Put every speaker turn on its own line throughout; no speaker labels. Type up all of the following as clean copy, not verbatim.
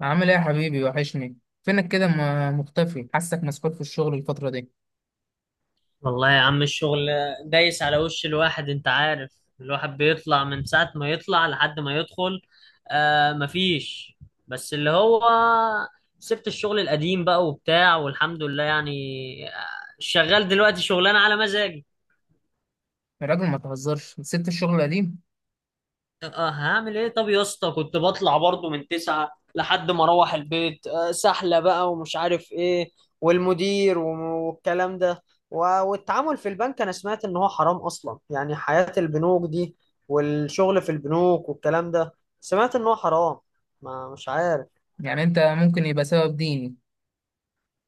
عامل ايه يا حبيبي؟ وحشني. فينك كده مختفي؟ حاسك مسحول في الشغل الفترة دي.
والله يا عم، الشغل دايس على وش الواحد، انت عارف. الواحد بيطلع من ساعة ما يطلع لحد ما يدخل. آه، مفيش. بس اللي هو، سبت الشغل القديم بقى وبتاع والحمد لله يعني. آه، شغال دلوقتي شغلانة على مزاجي.
يا راجل ما تهزرش، سبت الشغل القديم؟
اه، هعمل ايه؟ طب يا اسطى كنت بطلع برضو من 9 لحد ما اروح البيت، سحلة بقى ومش عارف ايه. والمدير والكلام ده، والتعامل في البنك. انا سمعت ان هو حرام اصلا، يعني حياة البنوك دي والشغل في البنوك والكلام ده، سمعت ان هو حرام. ما مش عارف.
يعني انت ممكن يبقى سبب ديني؟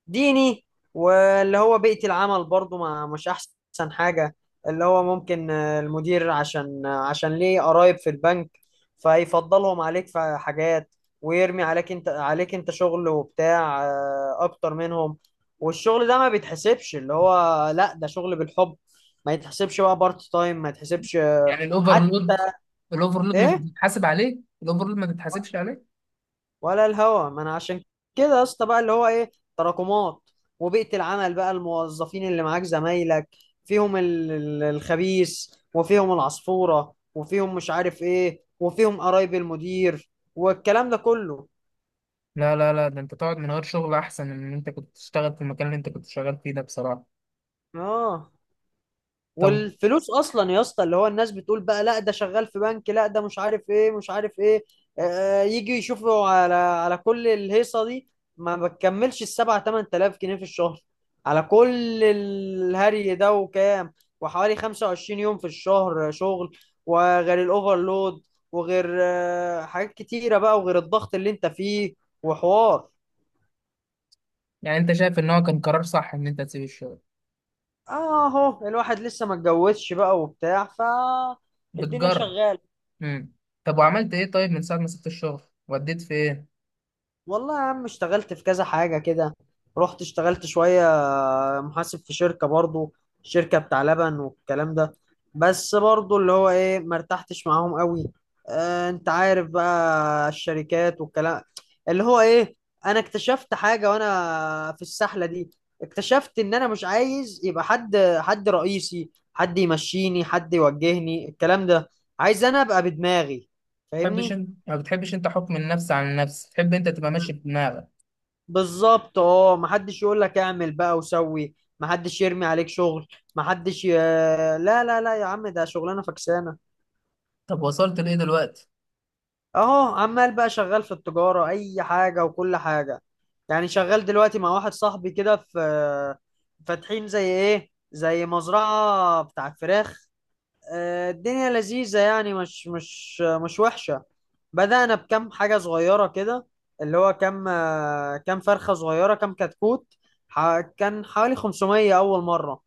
ديني. واللي هو بيئة العمل برضو، ما مش أحسن حاجة. اللي هو ممكن المدير، عشان عشان ليه قرايب في البنك، فيفضلهم عليك في حاجات، ويرمي عليك انت شغل وبتاع أكتر منهم. والشغل ده ما بيتحسبش، اللي هو لا، ده شغل بالحب، ما يتحسبش بقى بارت تايم، ما يتحسبش
يعني
حتى.
الاوفرلود، مش
ايه؟
بتتحاسب عليه؟ الاوفرلود ما تتحاسبش عليه؟
ولا الهوا. ما انا عشان كده يا اسطى بقى، اللي هو ايه، تراكمات، وبيئة العمل بقى، الموظفين اللي معاك، زمايلك، فيهم الخبيث، وفيهم العصفورة، وفيهم مش عارف ايه، وفيهم قرايب المدير، والكلام ده كله.
لا لا لا، ده انت تقعد من غير شغل احسن من ان انت كنت تشتغل في المكان اللي انت كنت شغال فيه ده بصراحة.
اه،
طب.
والفلوس اصلا يا اسطى، اللي هو الناس بتقول بقى لا، ده شغال في بنك، لا، ده مش عارف ايه مش عارف ايه. يجي يشوفوا على كل الهيصه دي، ما بتكملش الـ7 أو 8 تلاف جنيه في الشهر، على كل الهري ده، وكام؟ وحوالي 25 يوم في الشهر شغل، وغير الاوفرلود، وغير حاجات كتيره بقى، وغير الضغط اللي انت فيه، وحوار.
يعني انت شايف ان هو كان قرار صح ان انت تسيب الشغل؟
اهو الواحد لسه ما اتجوزش بقى وبتاع، ف الدنيا
بتجرب؟
شغاله.
امم طب وعملت ايه؟ طيب من ساعة ما سبت الشغل وديت فين؟
والله يا عم اشتغلت في كذا حاجة كده. رحت اشتغلت شوية محاسب في شركة برضو، شركة بتاع لبن والكلام ده. بس برضو اللي هو ايه، ما ارتحتش معاهم قوي. اه، انت عارف بقى الشركات والكلام. اللي هو ايه، انا اكتشفت حاجة وانا في السحلة دي. اكتشفت ان انا مش عايز يبقى حد رئيسي، حد يمشيني، حد يوجهني، الكلام ده. عايز انا ابقى بدماغي.
بتحبش
فاهمني؟
انت؟ ما بتحبش انت حكم النفس على النفس، تحب انت تبقى ماشي بدماغك؟
بالظبط، اه. محدش يقول لك اعمل بقى وسوي، محدش يرمي عليك شغل، محدش ي... لا لا لا يا عم، ده شغلانه فكسانه.
طب وصلت لايه دلوقتي؟
اهو عمال بقى شغال في التجاره، اي حاجه وكل حاجه. يعني شغال دلوقتي مع واحد صاحبي كده في، فاتحين زي ايه، زي مزرعه بتاعت فراخ. الدنيا لذيذة يعني، مش وحشة. بدأنا بكم حاجة صغيرة كده، اللي هو كم كم فرخة صغيرة، كم كتكوت. كان حوالي 500 أول مرة.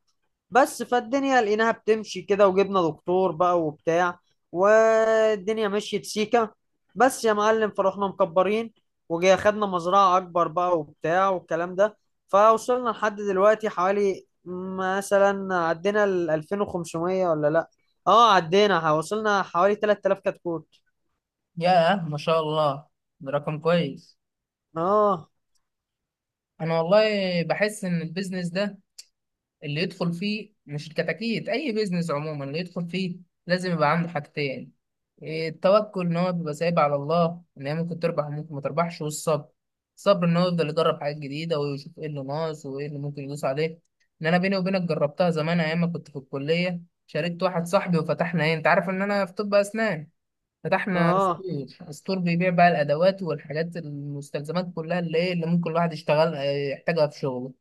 بس فالدنيا لقيناها بتمشي كده، وجبنا دكتور بقى وبتاع، والدنيا مشيت سيكة. بس يا معلم فرحنا مكبرين، وجي خدنا مزرعة أكبر بقى وبتاع والكلام ده. فوصلنا لحد دلوقتي حوالي مثلا عدينا ال 2500، ولا لأ، اه عدينا، وصلنا حوالي 3000 كتكوت.
ياه، ما شاء الله. ده رقم كويس.
اه.
انا والله بحس ان البيزنس ده، اللي يدخل فيه مش الكتاكيت، اي بيزنس عموما، اللي يدخل فيه لازم يبقى عنده حاجتين. إيه، التوكل ان هو بيبقى سايب على الله ان هي ممكن تربح وممكن ما تربحش، والصبر. الصبر ان هو يفضل يجرب حاجات جديده ويشوف ايه اللي ناقص وايه اللي ممكن يدوس عليه. ان انا بيني وبينك جربتها زمان ايام ما كنت في الكليه. شاركت واحد صاحبي وفتحنا، ايه، انت عارف ان انا في طب اسنان. فتحنا ستور،
اه،
ستور بيبيع بقى الادوات والحاجات المستلزمات كلها، اللي ايه اللي ممكن الواحد يشتغل يحتاجها في شغله.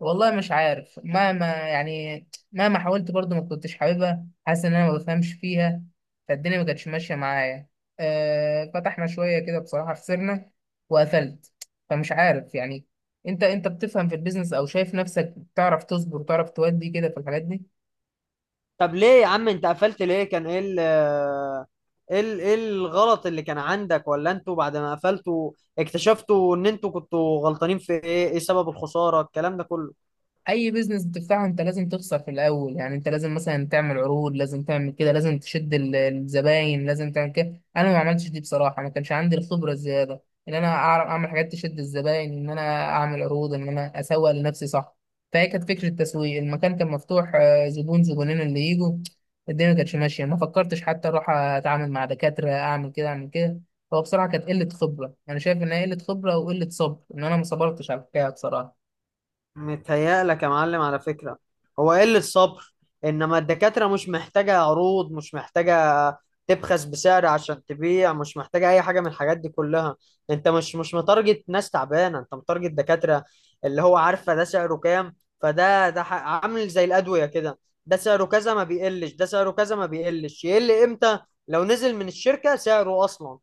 والله مش عارف، مهما يعني مهما حاولت برضو ما كنتش حاببها، حاسس ان انا ما بفهمش فيها. فالدنيا ما كانتش ماشيه معايا. فتحنا شويه كده بصراحه، خسرنا وقفلت. فمش عارف يعني. انت بتفهم في البيزنس او شايف نفسك بتعرف تصبر وتعرف تودي كده في الحاجات دي؟
طب ليه يا عم انت قفلت؟ ليه؟ كان ايه ال ايه الغلط اللي كان عندك؟ ولا انتوا بعد ما قفلتوا اكتشفتوا ان انتوا كنتوا غلطانين في ايه؟ ايه سبب الخسارة، الكلام ده كله؟
اي بيزنس بتفتحه انت لازم تخسر في الاول، يعني انت لازم مثلا تعمل عروض، لازم تعمل كده، لازم تشد الزباين، لازم تعمل كده. انا ما عملتش دي بصراحه، ما كانش عندي الخبره الزياده ان انا اعرف اعمل حاجات تشد الزباين، ان انا اعمل عروض، ان انا اسوق لنفسي، صح. فهي كانت فكره التسويق، المكان كان مفتوح، زبون زبونين اللي يجوا. الدنيا ما كانتش ماشيه، ما فكرتش حتى اروح اتعامل مع دكاتره، اعمل كده اعمل كده. هو بصراحه كانت قله خبره، انا شايف ان هي قله خبره وقله صبر، ان انا ما صبرتش على الحكايه بصراحه.
متهيألك يا معلم على فكرة، هو قلة الصبر. إنما الدكاترة مش محتاجة عروض، مش محتاجة تبخس بسعر عشان تبيع، مش محتاجة أي حاجة من الحاجات دي كلها. أنت مش متارجت ناس تعبانة، أنت متارجت دكاترة، اللي هو عارفة ده سعره كام. فده عامل زي الأدوية كده، ده سعره كذا ما بيقلش، ده سعره كذا ما بيقلش. يقل إمتى؟ لو نزل من الشركة سعره أصلا.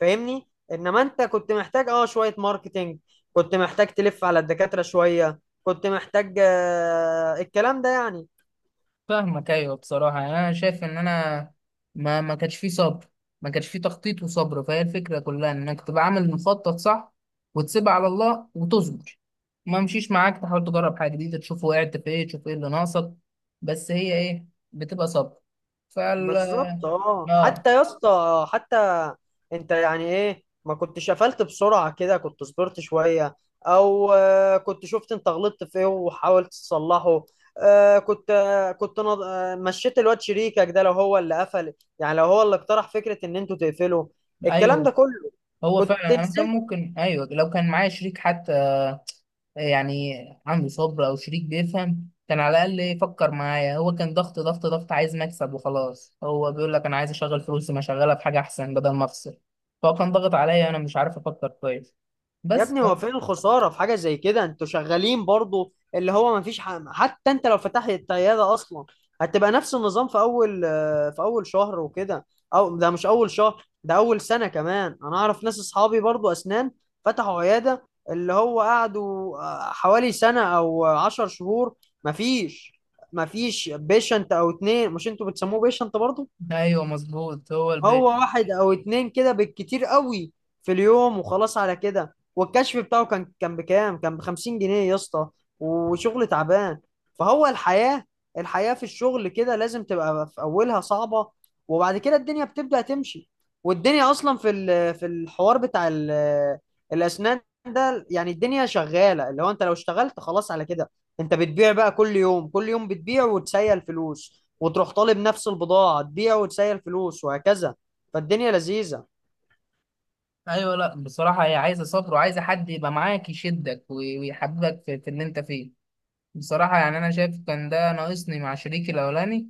فاهمني؟ إنما أنت كنت محتاج أه شوية ماركتينج، كنت محتاج تلف على الدكاترة شوية، كنت محتاج الكلام ده يعني.
فاهمك، ايوه بصراحه يعني انا شايف ان انا ما كانش فيه صبر. ما كانش فيه تخطيط وصبر، فهي الفكره كلها انك تبقى عامل مخطط صح، وتسيبها على الله وتصبر. ما مشيش معاك، تحاول تجرب حاجه جديده، تشوف وقعت في ايه، تشوف ايه اللي ناقصك. بس هي ايه؟ بتبقى صبر. فال
بالظبط، اه.
اه،
حتى يا اسطى، حتى انت يعني ايه ما كنتش قفلت بسرعة كده، كنت صبرت شوية، او كنت شفت انت غلطت في ايه وحاولت تصلحه. آه، كنت آه، كنت نض- آه، مشيت الواد شريكك ده لو هو اللي قفل، يعني لو هو اللي اقترح فكرة ان انتوا تقفلوا، الكلام ده
ايوه.
كله،
هو
كنت
فعلا انا كان
نزلت.
ممكن، ايوه لو كان معايا شريك حتى، يعني عنده صبر، او شريك بيفهم كان على الاقل يفكر معايا. هو كان ضغط ضغط ضغط، عايز مكسب وخلاص. هو بيقول لك انا عايز اشغل فلوسي، ما اشغلها في حاجه احسن بدل ما افصل. فهو كان ضغط عليا، انا مش عارف افكر كويس.
يا
بس
ابني هو فين الخسارة في حاجة زي كده؟ انتوا شغالين برضو، اللي هو مفيش ح... حتى انت لو فتحت عيادة اصلا، هتبقى نفس النظام في اول في اول شهر وكده. او ده مش اول شهر، ده اول سنة كمان. انا اعرف ناس اصحابي برضو اسنان، فتحوا عيادة، اللي هو قعدوا حوالي سنة او 10 شهور، مفيش. مفيش بيشنت او اتنين. مش انتوا بتسموه بيشنت برضو؟
ايوه مظبوط. هو
هو
البيت.
واحد او اتنين كده بالكتير قوي في اليوم وخلاص، على كده. والكشف بتاعه كان بكام؟ كان بـ50 جنيه يا اسطى، وشغل تعبان. فهو الحياة، الحياة في الشغل كده لازم تبقى في اولها صعبة، وبعد كده الدنيا بتبدأ تمشي. والدنيا اصلا في في الحوار بتاع الاسنان ده، يعني الدنيا شغالة، اللي هو انت لو اشتغلت خلاص على كده، انت بتبيع بقى كل يوم، كل يوم بتبيع وتسيل فلوس، وتروح طالب نفس البضاعة، تبيع وتسيل فلوس، وهكذا. فالدنيا لذيذة.
ايوه لا بصراحه، هي عايزه صبر وعايزه حد يبقى معاك يشدك ويحببك في اللي انت فيه. بصراحه يعني انا شايف كان ده ناقصني مع شريكي الاولاني.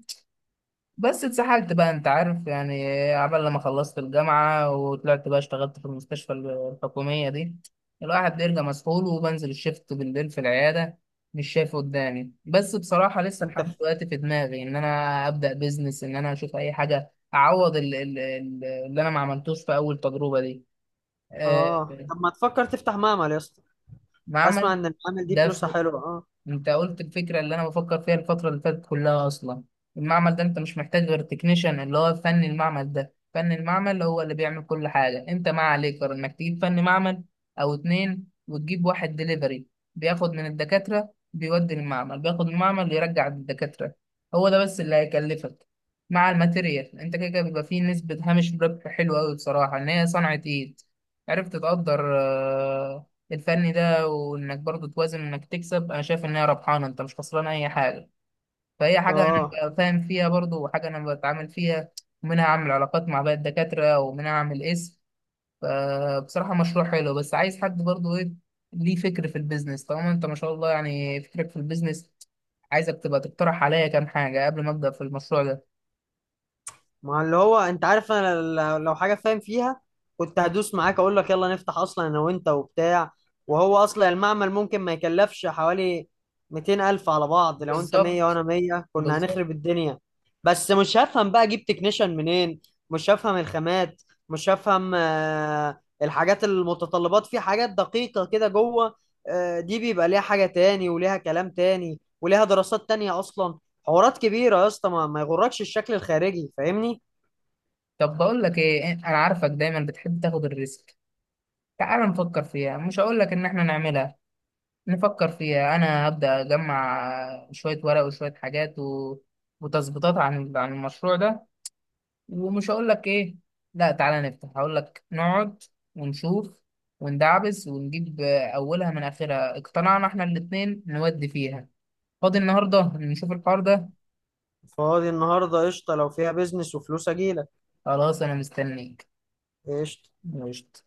بس اتسحلت بقى، انت عارف يعني. عبال لما خلصت الجامعة وطلعت بقى اشتغلت في المستشفى الحكومية دي. الواحد بيرجع مسحول وبنزل الشفت بالليل في العيادة. مش شايف قدامي. بس بصراحة لسه
انت
لحد
ف...
دلوقتي في دماغي ان انا ابدأ بيزنس، ان انا اشوف اي حاجة اعوض اللي انا ما عملتوش في اول تجربة دي. آه،
اه، طب ما تفكر تفتح معمل يا اسطى؟ اسمع
معمل.
ان المعامل دي
ده
فلوسها حلوة، اه.
انت قلت الفكره اللي انا بفكر فيها الفتره اللي فاتت كلها اصلا. المعمل ده انت مش محتاج غير تكنيشن، اللي هو فن المعمل، ده فن المعمل هو اللي بيعمل كل حاجه. انت ما عليك غير انك تجيب فن معمل او اتنين، وتجيب واحد دليفري، بياخد من الدكاتره بيودي المعمل، بياخد من المعمل يرجع للدكاتره. هو ده بس اللي هيكلفك مع الماتيريال. انت كده كده بيبقى فيه نسبه هامش ربح حلوه قوي بصراحه، ان هي صنعه ايد. عرفت تقدر الفني ده، وانك برضو توازن انك تكسب. انا شايف ان هي ربحانه، انت مش خسران اي حاجه. فهي حاجه انا
اه،
ببقى فاهم فيها برضو، وحاجه انا بتعامل فيها. ومنها اعمل علاقات مع باقي الدكاتره، ومنها اعمل اسم. فبصراحه مشروع حلو، بس عايز حد برضو، ايه. ليه فكر في البيزنس طالما انت ما شاء الله يعني فكرك في البيزنس. عايزك تبقى تقترح عليا كام حاجه قبل ما ابدا في المشروع ده.
ما اللي هو انت عارف انا، لو حاجه فاهم فيها كنت هدوس معاك اقول لك يلا نفتح اصلا، انا وانت وبتاع. وهو اصلا المعمل ممكن ما يكلفش حوالي 200 الف على بعض. لو انت 100
بالظبط.
وانا 100، كنا
بالظبط.
هنخرب الدنيا. بس مش هفهم بقى، اجيب تكنيشن منين؟ مش هفهم الخامات، مش هفهم الحاجات المتطلبات في حاجات دقيقه كده جوه. دي بيبقى ليها حاجه تاني وليها كلام تاني، وليها دراسات تانية اصلا. حوارات كبيره يا اسطى، ما يغركش الشكل الخارجي، فاهمني؟
طب بقول لك ايه، انا عارفك دايما بتحب تاخد الريسك. تعال نفكر فيها، مش هقول لك ان احنا نعملها. نفكر فيها، انا هبدا اجمع شويه ورق وشويه حاجات وتظبيطات عن المشروع ده. ومش هقول لك ايه لا تعالى نفتح، هقول لك نقعد ونشوف وندعبس ونجيب. اولها من اخرها اقتنعنا احنا الاتنين نودي فيها. فاضي النهارده نشوف الحوار ده؟
فاضي النهارده قشطه، لو فيها بيزنس وفلوس اجيلك.
خلاص، انا مستنيك.
قشطه
قشطة.